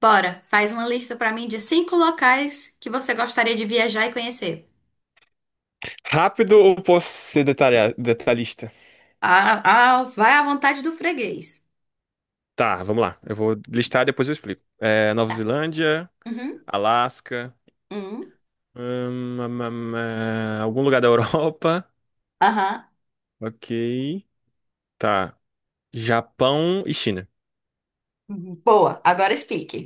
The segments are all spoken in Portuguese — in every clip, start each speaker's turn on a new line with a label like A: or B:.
A: Bora, faz uma lista pra mim de cinco locais que você gostaria de viajar e conhecer.
B: Rápido ou posso ser detalhista?
A: Ah, vai à vontade do freguês.
B: Tá, vamos lá. Eu vou listar e depois eu explico. Nova
A: Tá.
B: Zelândia,
A: Uhum.
B: Alasca,
A: Uhum.
B: hum, hum, algum lugar da Europa.
A: Aham.
B: Ok. Tá. Japão e China.
A: Boa, agora explique.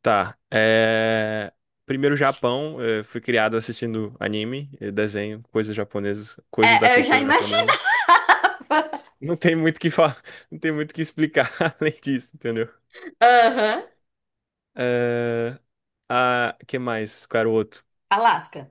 B: Tá. Primeiro Japão, fui criado assistindo anime, desenho, coisas japonesas, coisas da
A: É, eu já
B: cultura japonesa.
A: imaginava.
B: Não tem muito o que falar, não tem muito o que explicar além disso, entendeu?
A: Aham.
B: É... Ah, que mais? Qual era o outro?
A: Alasca.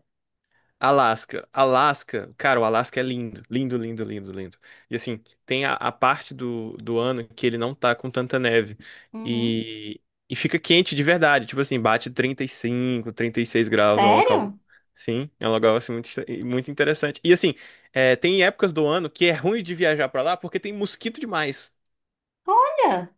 B: Alasca. Alasca, cara, o Alasca é lindo. Lindo, lindo, lindo, lindo. E assim, tem a parte do ano que ele não tá com tanta neve.
A: Uhum.
B: E, e fica quente de verdade. Tipo assim, bate 30 35, 36 graus. É um local.
A: Sério?
B: Sim, é um local assim muito interessante. E assim, tem épocas do ano que é ruim de viajar pra lá porque tem mosquito demais.
A: Olha.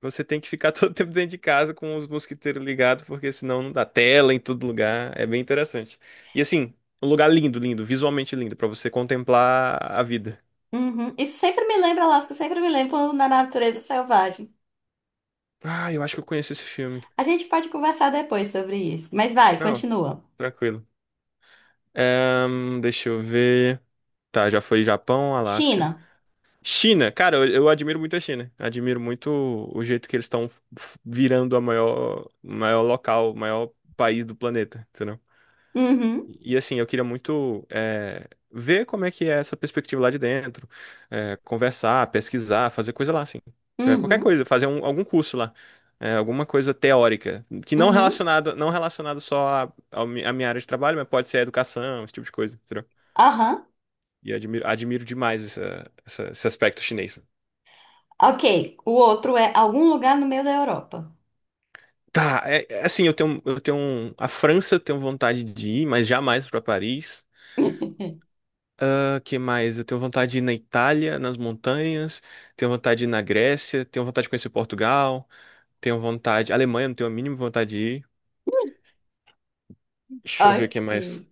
B: Você tem que ficar todo tempo dentro de casa com os mosquiteiros ligados, porque senão não dá tela em todo lugar. É bem interessante. E assim, um lugar lindo, lindo, visualmente lindo, pra você contemplar a vida.
A: Uhum. Isso sempre me lembra Alasca, sempre me lembra na natureza selvagem.
B: Ah, eu acho que eu conheço esse filme.
A: A gente pode conversar depois sobre isso. Mas vai,
B: Não,
A: continua.
B: tranquilo. Deixa eu ver. Tá, já foi Japão, Alasca.
A: China.
B: China, cara, eu admiro muito a China. Admiro muito o jeito que eles estão virando a maior, maior local, maior país do planeta, entendeu?
A: Uhum.
B: E assim, eu queria muito ver como é que é essa perspectiva lá de dentro, conversar, pesquisar, fazer coisa lá, assim. Qualquer
A: Uhum.
B: coisa, algum curso lá, alguma coisa teórica, que não
A: Uhum.
B: relacionado, não relacionado só à minha área de trabalho, mas pode ser a educação, esse tipo de coisa, entendeu?
A: Aham.
B: E admiro demais esse aspecto chinês.
A: Ok, o outro é algum lugar no meio da Europa.
B: Tá, é assim, a França eu tenho vontade de ir, mas jamais para Paris. O que mais? Eu tenho vontade de ir na Itália, nas montanhas, tenho vontade de ir na Grécia, tenho vontade de conhecer Portugal, tenho vontade. Alemanha, não tenho a mínima vontade de ir. Deixa eu ver o
A: Ok.
B: que mais.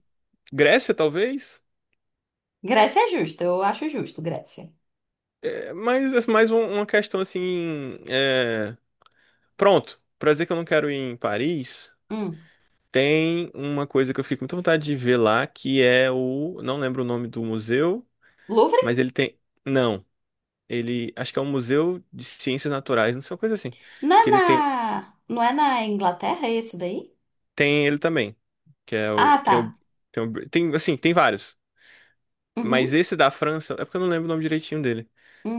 B: Grécia, talvez?
A: Grécia é justo, eu acho justo, Grécia.
B: Mas é mais uma questão assim. Pronto, pra dizer que eu não quero ir em Paris,
A: Hum.
B: tem uma coisa que eu fico com muita vontade de ver lá, que é o. Não lembro o nome do museu,
A: Louvre?
B: mas ele tem. Não, ele. Acho que é um museu de ciências naturais, não sei, uma coisa assim.
A: Não é
B: Que ele tem
A: não é na Inglaterra esse daí?
B: Tem ele também, que é o
A: Ah,
B: tem
A: tá.
B: o tem, o, tem assim, tem vários, mas
A: Uhum,
B: esse da França, é porque eu não lembro o nome direitinho dele.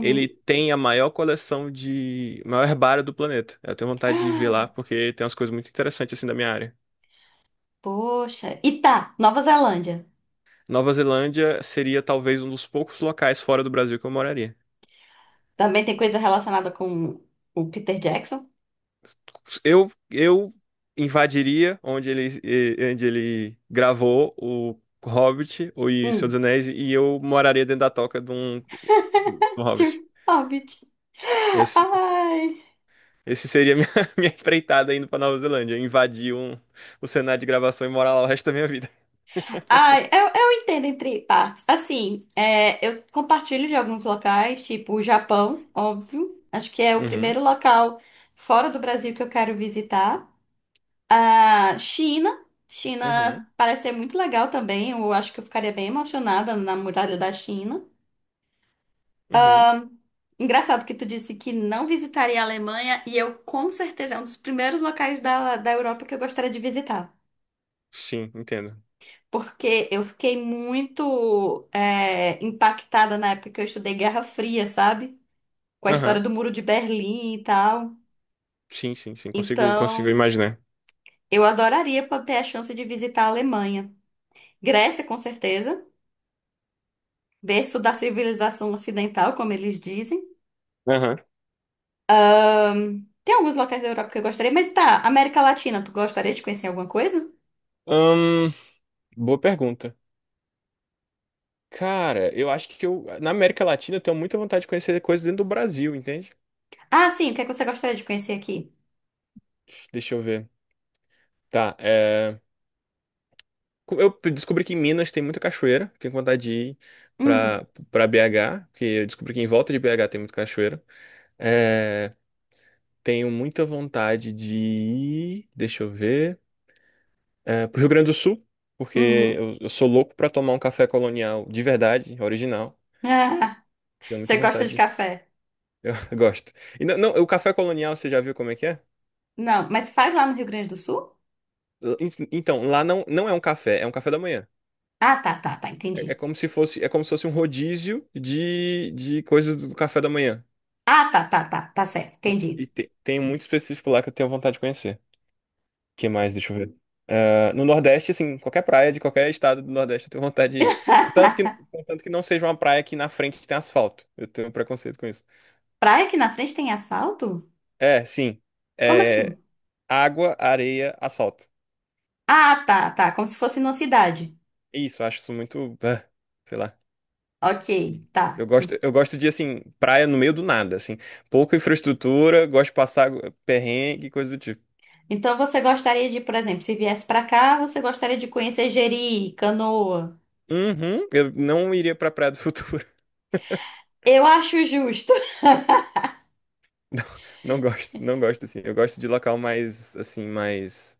B: Ele tem a maior coleção de maior herbário do planeta. Eu tenho vontade de ver lá porque tem umas coisas muito interessantes assim da minha área.
A: Poxa. E tá, Nova Zelândia.
B: Nova Zelândia seria talvez um dos poucos locais fora do Brasil que eu moraria.
A: Também tem coisa relacionada com o Peter Jackson?
B: Eu invadiria onde ele gravou o Hobbit ou e Senhor dos
A: Hum.
B: Anéis e eu moraria dentro da toca de um Hobbit.
A: Tipo, Hobbit. Ai.
B: Esse seria minha, minha empreitada indo pra Nova Zelândia, invadir o cenário de gravação e morar lá o resto da minha vida.
A: Ai, eu entendo entre partes. Assim, é, eu compartilho de alguns locais, tipo o Japão, óbvio. Acho que é o
B: Uhum,
A: primeiro local fora do Brasil que eu quero visitar. A China. China
B: uhum,
A: parece ser muito legal também. Eu acho que eu ficaria bem emocionada na muralha da China.
B: uhum.
A: Engraçado que tu disse que não visitaria a Alemanha e eu com certeza é um dos primeiros locais da Europa que eu gostaria de visitar.
B: Sim, entendo.
A: Porque eu fiquei muito é, impactada na época que eu estudei Guerra Fria, sabe? Com a história do
B: Aham.
A: Muro de Berlim e tal.
B: Sim, sim, sim, consigo
A: Então,
B: imaginar.
A: eu adoraria poder ter a chance de visitar a Alemanha. Grécia, com certeza, berço da civilização ocidental, como eles dizem.
B: Aham.
A: Tem alguns locais da Europa que eu gostaria, mas tá, América Latina, tu gostaria de conhecer alguma coisa?
B: Hum, Boa pergunta. Cara, eu acho que eu, na América Latina eu tenho muita vontade de conhecer coisas dentro do Brasil, entende?
A: Ah, sim, o que é que você gostaria de conhecer aqui?
B: Deixa eu ver. Tá, Eu descobri que em Minas tem muita cachoeira, fiquei com vontade de ir
A: Hum,
B: pra BH, porque eu descobri que em volta de BH tem muita cachoeira. É, Tenho muita vontade de ir, deixa eu ver, pro Rio Grande do Sul, porque
A: uhum.
B: eu sou louco pra tomar um café colonial de verdade, original.
A: Ah,
B: Tenho muita
A: você gosta de
B: vontade.
A: café?
B: Eu gosto. E não, não, o café colonial, você já viu como é que é?
A: Não, mas faz lá no Rio Grande do Sul?
B: Então, lá não, não é um café, é um café da manhã.
A: Ah, tá, tá, tá,
B: É
A: entendi.
B: como se fosse um rodízio de coisas do café da manhã.
A: Ah, tá, tá, tá, tá certo, entendi.
B: Tem muito específico lá que eu tenho vontade de conhecer. Que mais? Deixa eu ver. Ah, no Nordeste, assim, qualquer praia de qualquer estado do Nordeste eu tenho vontade de ir. Contanto que não seja uma praia que na frente tem asfalto. Eu tenho um preconceito com isso.
A: Praia que na frente tem asfalto?
B: É, sim.
A: Como
B: É,
A: assim?
B: Água, areia, asfalto.
A: Ah, tá, tá, como se fosse numa cidade.
B: Isso, eu acho isso muito. Ah, sei lá.
A: Ok,
B: Eu
A: tá.
B: gosto, eu gosto de, assim, praia no meio do nada, assim. Pouca infraestrutura, gosto de passar perrengue, coisa do tipo.
A: Então você gostaria de, por exemplo, se viesse pra cá, você gostaria de conhecer Jeri, Canoa.
B: Uhum, eu não iria pra Praia do Futuro.
A: Eu acho justo.
B: Não, não gosto, assim. Eu gosto de local mais, assim, mais.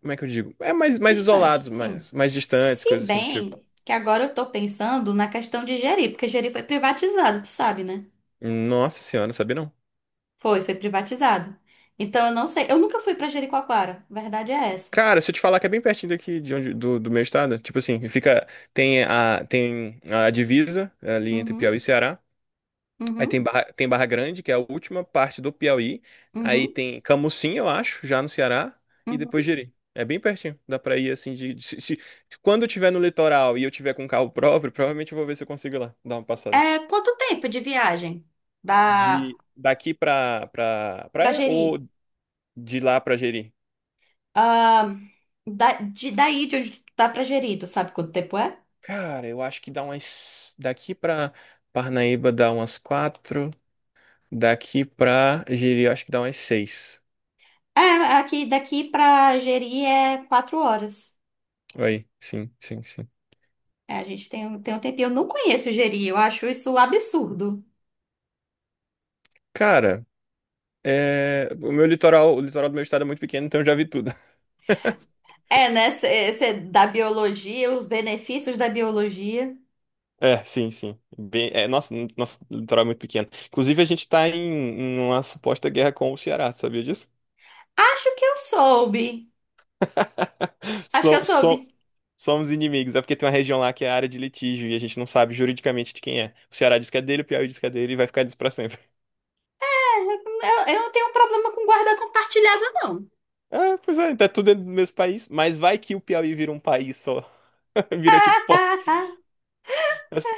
B: Como é que eu digo? É mais, mais
A: Distante,
B: isolados,
A: sim.
B: mais distantes,
A: Se
B: coisas assim do tipo.
A: bem que agora eu tô pensando na questão de Jeri, porque Jeri foi privatizado, tu sabe, né?
B: Nossa senhora, não sabia não.
A: Foi privatizado. Então eu não sei, eu nunca fui pra Jericoacoara, verdade é essa.
B: Cara, se eu te falar que é bem pertinho daqui de onde, do meu estado, tipo assim, fica, tem a divisa ali entre
A: Uhum,
B: Piauí e Ceará, aí
A: uhum,
B: tem Barra Grande, que é a última parte do Piauí, aí
A: uhum.
B: tem Camucim, eu acho, já no Ceará, e depois
A: Uhum.
B: Jeri. É bem pertinho, dá pra ir assim quando eu tiver no litoral e eu tiver com um carro próprio, provavelmente eu vou ver se eu consigo ir lá, dar uma passada
A: É, quanto tempo de viagem dá
B: de daqui pra para
A: pra
B: praia ou
A: Jeri?
B: De lá pra Jeri.
A: Ah, daí de onde dá pra Jeri, tu sabe quanto tempo é?
B: Cara, eu acho que dá umas. Daqui pra Parnaíba dá umas quatro. Daqui pra Jeri, eu acho que dá umas seis.
A: É, aqui, daqui pra Jeri é 4 horas.
B: Aí, sim, sim, sim.
A: É, a gente tem, tem um tempinho. Eu não conheço Jeri, eu acho isso um absurdo.
B: Cara, o meu litoral, o litoral do meu estado é muito pequeno, então eu já vi tudo.
A: É, né? Da biologia, os benefícios da biologia.
B: É, sim, sim. Bem... Nossa, nosso litoral é muito pequeno. Inclusive, a gente tá em uma suposta guerra com o Ceará, sabia disso?
A: Acho que eu soube. Acho que eu
B: So- so-
A: soube.
B: Somos inimigos, é porque tem uma região lá que é área de litígio e a gente não sabe juridicamente de quem é. O Ceará diz que é dele, o Piauí diz que é dele e vai ficar disso pra sempre.
A: Eu não tenho problema com guarda compartilhada, não.
B: Pois é, tá tudo dentro do mesmo país, mas vai que o Piauí vira um país só. Virou tipo. Pó. Mas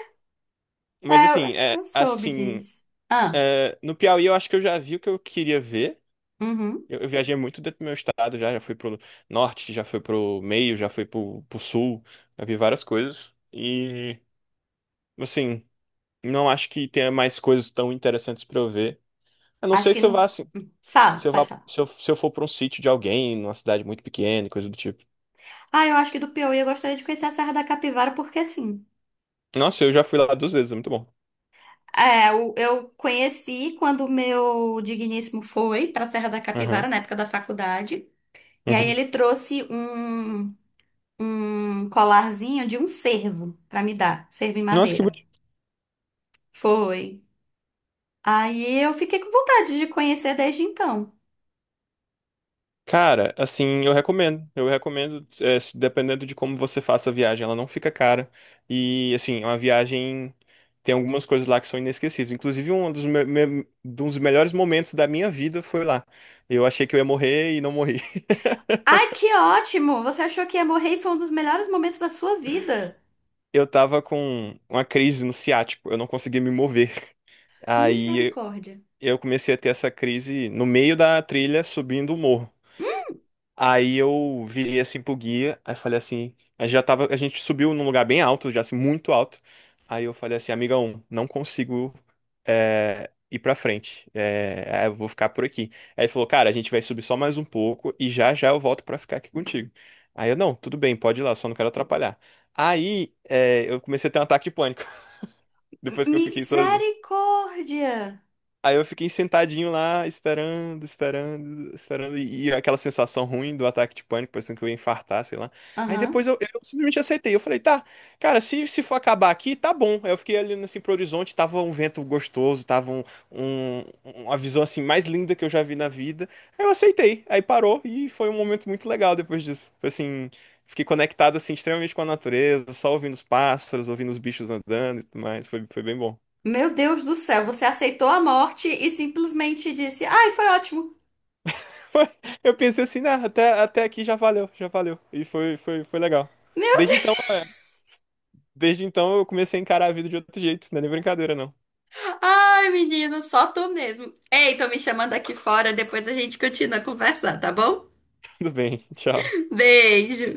A: É, eu
B: assim,
A: acho que eu soube
B: assim,
A: disso. Ah.
B: no Piauí eu acho que eu já vi o que eu queria ver.
A: Uhum.
B: Eu viajei muito dentro do meu estado, já, fui pro norte, já fui pro meio, já fui pro sul, já vi várias coisas. E, assim, não acho que tenha mais coisas tão interessantes pra eu ver. A não
A: Acho
B: sei
A: que no. Hum, fala, pode falar.
B: se eu for pra um sítio de alguém, numa cidade muito pequena, e coisa do tipo.
A: Ah, eu acho que do Piauí eu gostaria de conhecer a Serra da Capivara, porque assim.
B: Nossa, eu já fui lá duas vezes, é muito bom.
A: É, eu conheci quando o meu digníssimo foi para a Serra da Capivara,
B: Aham.
A: na época da faculdade. E aí
B: Uhum.
A: ele trouxe um colarzinho de um cervo para me dar, cervo em
B: Nossa, que
A: madeira.
B: bonito.
A: Foi. Aí eu fiquei com vontade de conhecer desde então.
B: Cara, assim, eu recomendo. Eu recomendo, dependendo de como você faça a viagem, ela não fica cara. E, assim, é uma viagem. Tem algumas coisas lá que são inesquecíveis. Inclusive, um dos melhores momentos da minha vida foi lá. Eu achei que eu ia morrer e não morri.
A: Ai, que ótimo! Você achou que ia morrer e foi um dos melhores momentos da sua vida.
B: Eu tava com uma crise no ciático, eu não conseguia me mover. Aí
A: Misericórdia.
B: eu comecei a ter essa crise no meio da trilha, subindo o morro. Aí eu virei assim pro guia, aí falei assim, a gente já tava, a gente subiu num lugar bem alto, já assim, muito alto. Aí eu falei assim, amiga 1, não consigo ir pra frente, eu vou ficar por aqui. Aí ele falou, cara, a gente vai subir só mais um pouco e já já eu volto pra ficar aqui contigo. Aí eu, não, tudo bem, pode ir lá, só não quero atrapalhar. Aí eu comecei a ter um ataque de pânico, depois que eu fiquei sozinho.
A: Misericórdia!
B: Aí eu fiquei sentadinho lá, esperando, esperando, esperando, e aquela sensação ruim do ataque de pânico, parecendo que eu ia infartar, sei lá. Aí
A: Aham.
B: depois eu simplesmente aceitei. Eu falei, tá, cara, se for acabar aqui, tá bom. Aí eu fiquei ali assim pro horizonte, tava um vento gostoso, tava um- uma visão assim mais linda que eu já vi na vida. Aí eu aceitei. Aí parou e foi um momento muito legal depois disso. Foi assim, fiquei conectado assim extremamente com a natureza, só ouvindo os pássaros, ouvindo os bichos andando e tudo mais. Foi bem bom.
A: Meu Deus do céu, você aceitou a morte e simplesmente disse: Ai, foi ótimo.
B: Foi. Eu pensei assim, né? Até aqui já valeu, já valeu. E foi legal.
A: Meu
B: Desde então,
A: Deus!
B: é, desde então eu comecei a encarar a vida de outro jeito, não é nem brincadeira, não.
A: Ai, menino, só tu mesmo. Ei, tô me chamando aqui fora, depois a gente continua a conversar, tá bom?
B: Tudo bem, tchau.
A: Beijo!